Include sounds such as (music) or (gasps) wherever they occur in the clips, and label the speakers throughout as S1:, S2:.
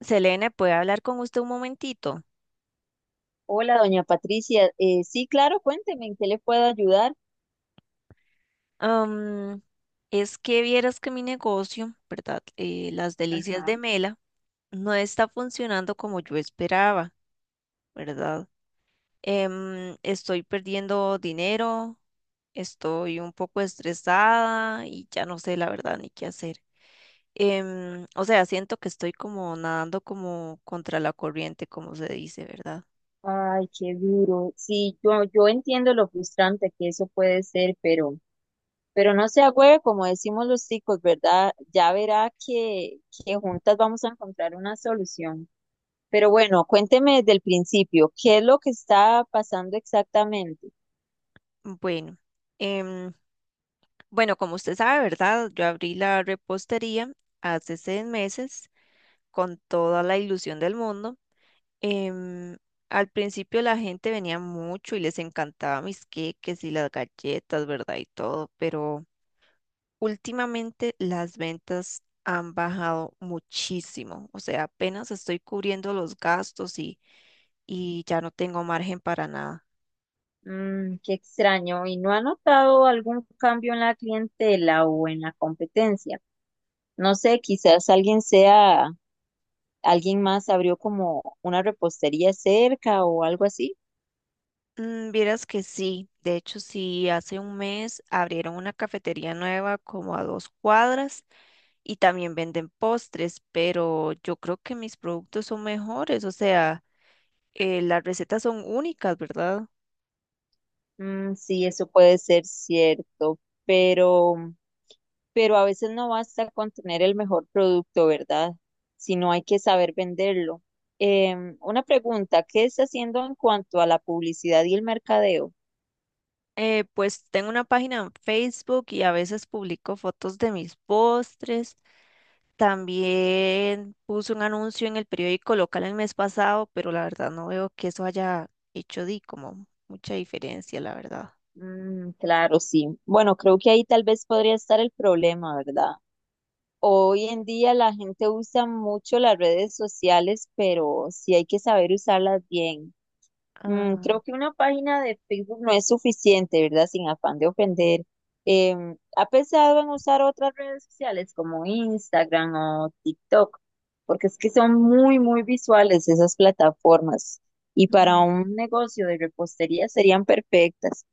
S1: Selene, ¿puede hablar con usted un momentito?
S2: Hola, doña Patricia. Sí, claro, cuénteme, ¿en qué le puedo ayudar?
S1: Am, es que vieras que mi negocio, ¿verdad? Las Delicias
S2: Ajá.
S1: de Mela no está funcionando como yo esperaba, ¿verdad? Estoy perdiendo dinero, estoy un poco estresada y ya no sé la verdad ni qué hacer. O sea, siento que estoy como nadando como contra la corriente, como se dice, ¿verdad?
S2: Ay, qué duro. Sí, yo entiendo lo frustrante que eso puede ser, pero no se agüe, como decimos los chicos, ¿verdad? Ya verá que juntas vamos a encontrar una solución. Pero bueno, cuénteme desde el principio, ¿qué es lo que está pasando exactamente?
S1: Bueno. em, Bueno, como usted sabe, ¿verdad? Yo abrí la repostería hace seis meses con toda la ilusión del mundo. Em, Al principio la gente venía mucho y les encantaba mis queques y las galletas, ¿verdad? Y todo, pero últimamente las ventas han bajado muchísimo. O sea, apenas estoy cubriendo los gastos y ya no tengo margen para nada.
S2: Mm, qué extraño. ¿Y no ha notado algún cambio en la clientela o en la competencia? No sé, alguien más abrió como una repostería cerca o algo así.
S1: Mm, vieras que sí, de hecho sí, hace un mes abrieron una cafetería nueva como a dos cuadras y también venden postres, pero yo creo que mis productos son mejores, o sea, las recetas son únicas, ¿verdad?
S2: Mm, sí, eso puede ser cierto, pero, pero a veces no basta con tener el mejor producto, ¿verdad? Sino hay que saber venderlo. Una pregunta, ¿qué está haciendo en cuanto a la publicidad y el mercadeo?
S1: Pues tengo una página en Facebook y a veces publico fotos de mis postres. También puse un anuncio en el periódico local el mes pasado, pero la verdad no veo que eso haya hecho di como mucha diferencia, la verdad.
S2: Mm, claro, sí. Bueno, creo que ahí tal vez podría estar el problema, ¿verdad? Hoy en día la gente usa mucho las redes sociales, pero sí hay que saber usarlas bien. Mm,
S1: Ah.
S2: creo que una página de Facebook no es suficiente, ¿verdad? Sin afán de ofender. ¿Ha pensado en usar otras redes sociales como Instagram o TikTok? Porque es que son muy, muy visuales esas plataformas y para
S1: Mm.
S2: un negocio de repostería serían perfectas.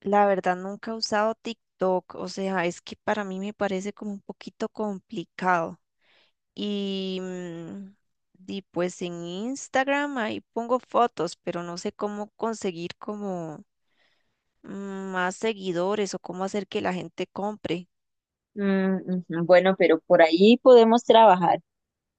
S1: La verdad, nunca he usado TikTok, o sea, es que para mí me parece como un poquito complicado. Y, di, pues en Instagram ahí pongo fotos, pero no sé cómo conseguir como más seguidores o cómo hacer que la gente compre.
S2: Mm, ujú, bueno, pero por ahí podemos trabajar.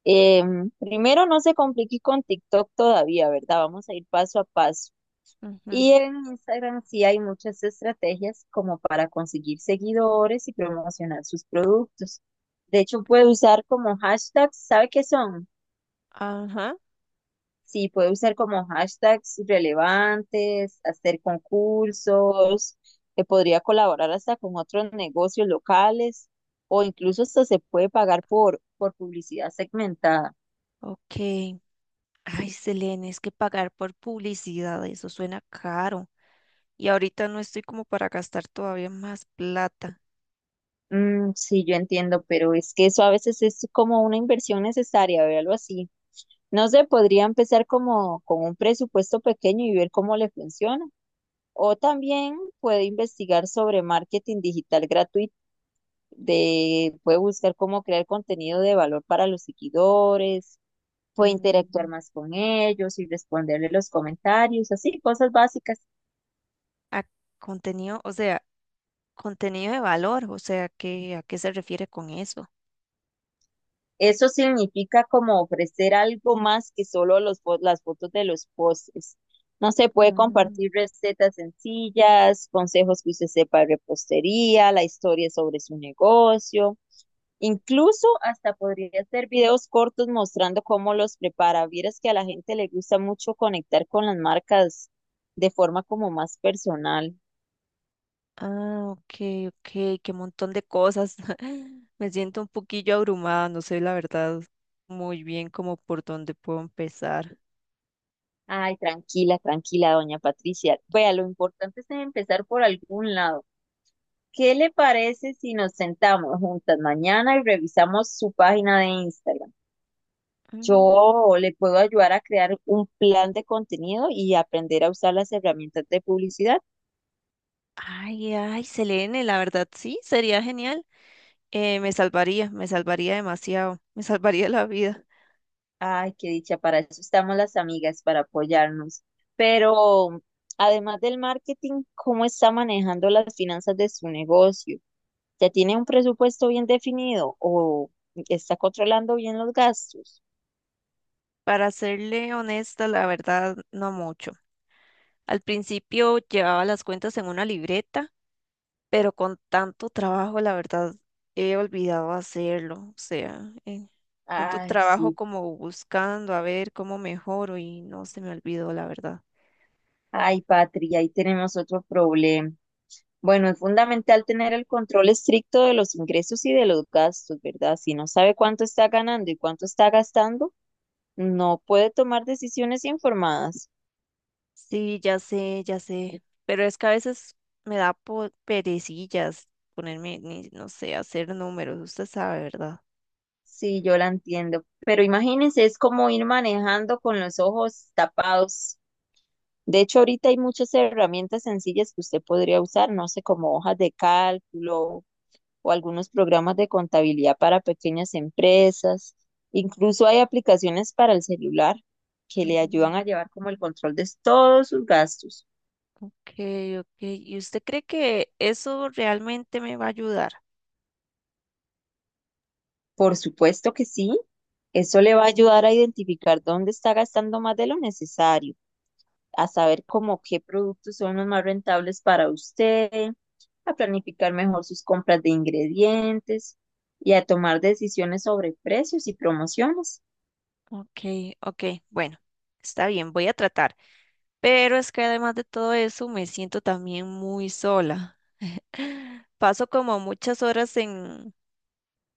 S2: Eh, Primero, no se complique con TikTok todavía, ¿verdad? Vamos a ir paso a paso.
S1: Ujú.
S2: Y en Instagram sí hay muchas estrategias como para conseguir seguidores y promocionar sus productos. De hecho, puede usar como hashtags, ¿sabe qué son?
S1: Ajá,
S2: Sí, puede usar como hashtags relevantes, hacer concursos, que podría colaborar hasta con otros negocios locales o incluso hasta se puede pagar por publicidad segmentada.
S1: ok. Ay, Selene, es que pagar por publicidad, eso suena caro. Y ahorita no estoy como para gastar todavía más plata.
S2: Mm, sí, yo entiendo, pero es que eso a veces es como una inversión necesaria, véalo así. No sé, podría empezar como con un presupuesto pequeño y ver cómo le funciona. O también puede investigar sobre marketing digital gratuito, puede buscar cómo crear contenido de valor para los seguidores, puede interactuar
S1: Mm.
S2: más con ellos y responderle los comentarios, así, cosas básicas.
S1: a Contenido, o sea, contenido de valor, o sea, ¿qué, a qué se refiere con eso?
S2: Eso significa como ofrecer algo más que solo las fotos de los postres. No se puede
S1: Mm.
S2: compartir recetas sencillas, consejos que usted sepa de repostería, la historia sobre su negocio. Incluso hasta podría hacer videos cortos mostrando cómo los prepara. Vieras que a la gente le gusta mucho conectar con las marcas de forma como más personal.
S1: Ah, ok, ok, qué montón de cosas. (laughs) Me siento un poquillo abrumada, no sé la verdad muy bien como por dónde puedo empezar.
S2: Ay, tranquila, tranquila, doña Patricia. Vea, lo importante es empezar por algún lado. ¿Qué le parece si nos sentamos juntas mañana y revisamos su página de Instagram?
S1: Mm.
S2: Yo le puedo ayudar a crear un plan de contenido y aprender a usar las herramientas de publicidad.
S1: Ay, ay, Selene, la verdad sí, sería genial. Me salvaría, me salvaría demasiado, me salvaría la vida.
S2: Ay, qué dicha, para eso estamos las amigas, para apoyarnos. Pero además del marketing, ¿cómo está manejando las finanzas de su negocio? ¿Ya tiene un presupuesto bien definido o está controlando bien los gastos?
S1: Para serle honesta, la verdad, no mucho. Al principio llevaba las cuentas en una libreta, pero con tanto trabajo, la verdad, he olvidado hacerlo. O sea, tanto
S2: Ay,
S1: trabajo
S2: sí.
S1: como buscando a ver cómo mejoro y no se me olvidó, la verdad.
S2: Ay, Patri, ahí tenemos otro problema. Bueno, es fundamental tener el control estricto de los ingresos y de los gastos, ¿verdad? Si no sabe cuánto está ganando y cuánto está gastando, no puede tomar decisiones informadas.
S1: Sí, ya sé, pero es que a veces me da perecillas ponerme, no sé, hacer números, usted sabe, ¿verdad?
S2: Sí, yo la entiendo. Pero imagínense, es como ir manejando con los ojos tapados. De hecho, ahorita hay muchas herramientas sencillas que usted podría usar, no sé, como hojas de cálculo, o algunos programas de contabilidad para pequeñas empresas. Incluso hay aplicaciones para el celular que le
S1: Mm.
S2: ayudan a llevar como el control de todos sus gastos.
S1: Ok, ok. ¿Y usted cree que eso realmente me va a ayudar?
S2: Por supuesto que sí, eso le va a ayudar a identificar dónde está gastando más de lo necesario, a saber cómo qué productos son los más rentables para usted, a planificar mejor sus compras de ingredientes y a tomar decisiones sobre precios y promociones.
S1: Ok, ok, bueno, está bien, voy a tratar, pero es que además de todo eso me siento también muy sola. (gasps) (laughs) Paso como muchas horas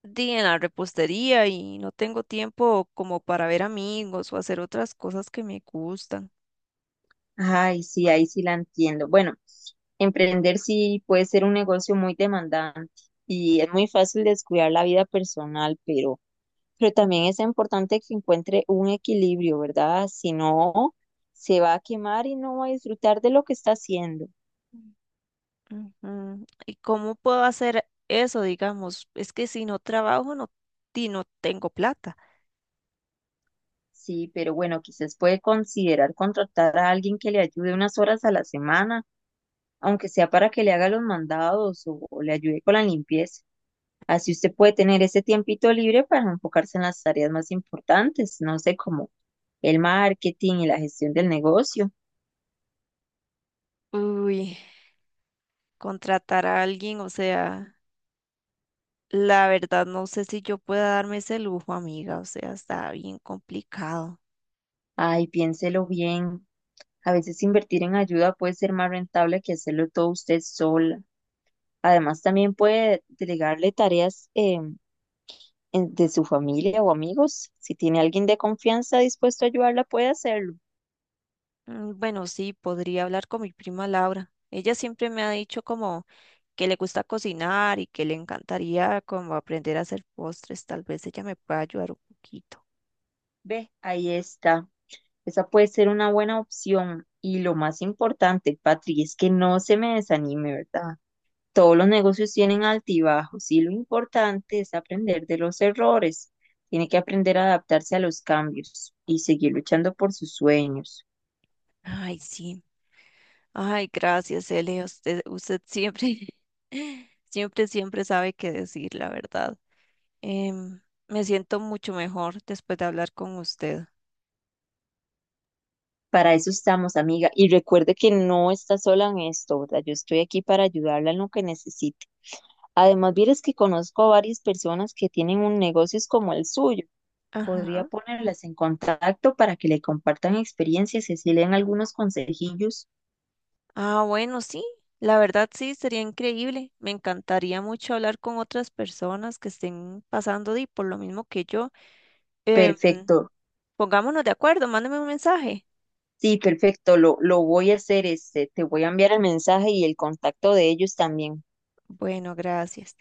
S1: di, en la repostería y no tengo tiempo como para ver amigos o hacer otras cosas que me gustan.
S2: Ay, sí, ahí sí la entiendo. Bueno, emprender sí puede ser un negocio muy demandante y es muy fácil descuidar la vida personal, pero también es importante que encuentre un equilibrio, ¿verdad? Si no, se va a quemar y no va a disfrutar de lo que está haciendo.
S1: Ujú. ¿Y cómo puedo hacer eso, digamos? Es que si no trabajo, no, di, no tengo plata.
S2: Sí, pero bueno, quizás puede considerar contratar a alguien que le ayude unas horas a la semana, aunque sea para que le haga los mandados o le ayude con la limpieza. Así usted puede tener ese tiempito libre para enfocarse en las tareas más importantes, no sé, como el marketing y la gestión del negocio.
S1: Uy, contratar a alguien, o sea... La verdad, no sé si yo pueda darme ese lujo, amiga, o sea, está bien complicado.
S2: Ay, piénselo bien. A veces invertir en ayuda puede ser más rentable que hacerlo todo usted sola. Además, también puede delegarle tareas de su familia o amigos. Si tiene alguien de confianza dispuesto a ayudarla, puede hacerlo.
S1: Mm. Bueno, sí, podría hablar con mi prima Laura. Ella siempre me ha dicho como que le gusta cocinar y que le encantaría como aprender a hacer postres. Tal vez ella me pueda ayudar un poquito.
S2: Ve, ahí está. Esa puede ser una buena opción. Y lo más importante, Patri, es que no se me desanime, ¿verdad? Todos los negocios tienen altibajos y lo importante es aprender de los errores. Tiene que aprender a adaptarse a los cambios y seguir luchando por sus sueños.
S1: Ay, sí. Ay, gracias, Ele. Usted siempre, (laughs) siempre, siempre sabe qué decir, la verdad. Em, Me siento mucho mejor después de hablar con usted.
S2: Para eso estamos, amiga. Y recuerde que no está sola en esto, ¿verdad? Yo estoy aquí para ayudarla en lo que necesite. Además, vieres que conozco a varias personas que tienen un negocios como el suyo. Podría
S1: Ajá.
S2: ponerlas en contacto para que le compartan experiencias y así le den algunos consejillos.
S1: Ah, bueno, sí, la verdad sí, sería increíble. Me encantaría mucho hablar con otras personas que estén pasando di- por lo mismo que yo. Em,
S2: Perfecto.
S1: Pongámonos de acuerdo, mándame un mensaje.
S2: Sí, perfecto, lo voy a hacer, este, te voy a enviar el mensaje y el contacto de ellos también.
S1: Bueno, gracias.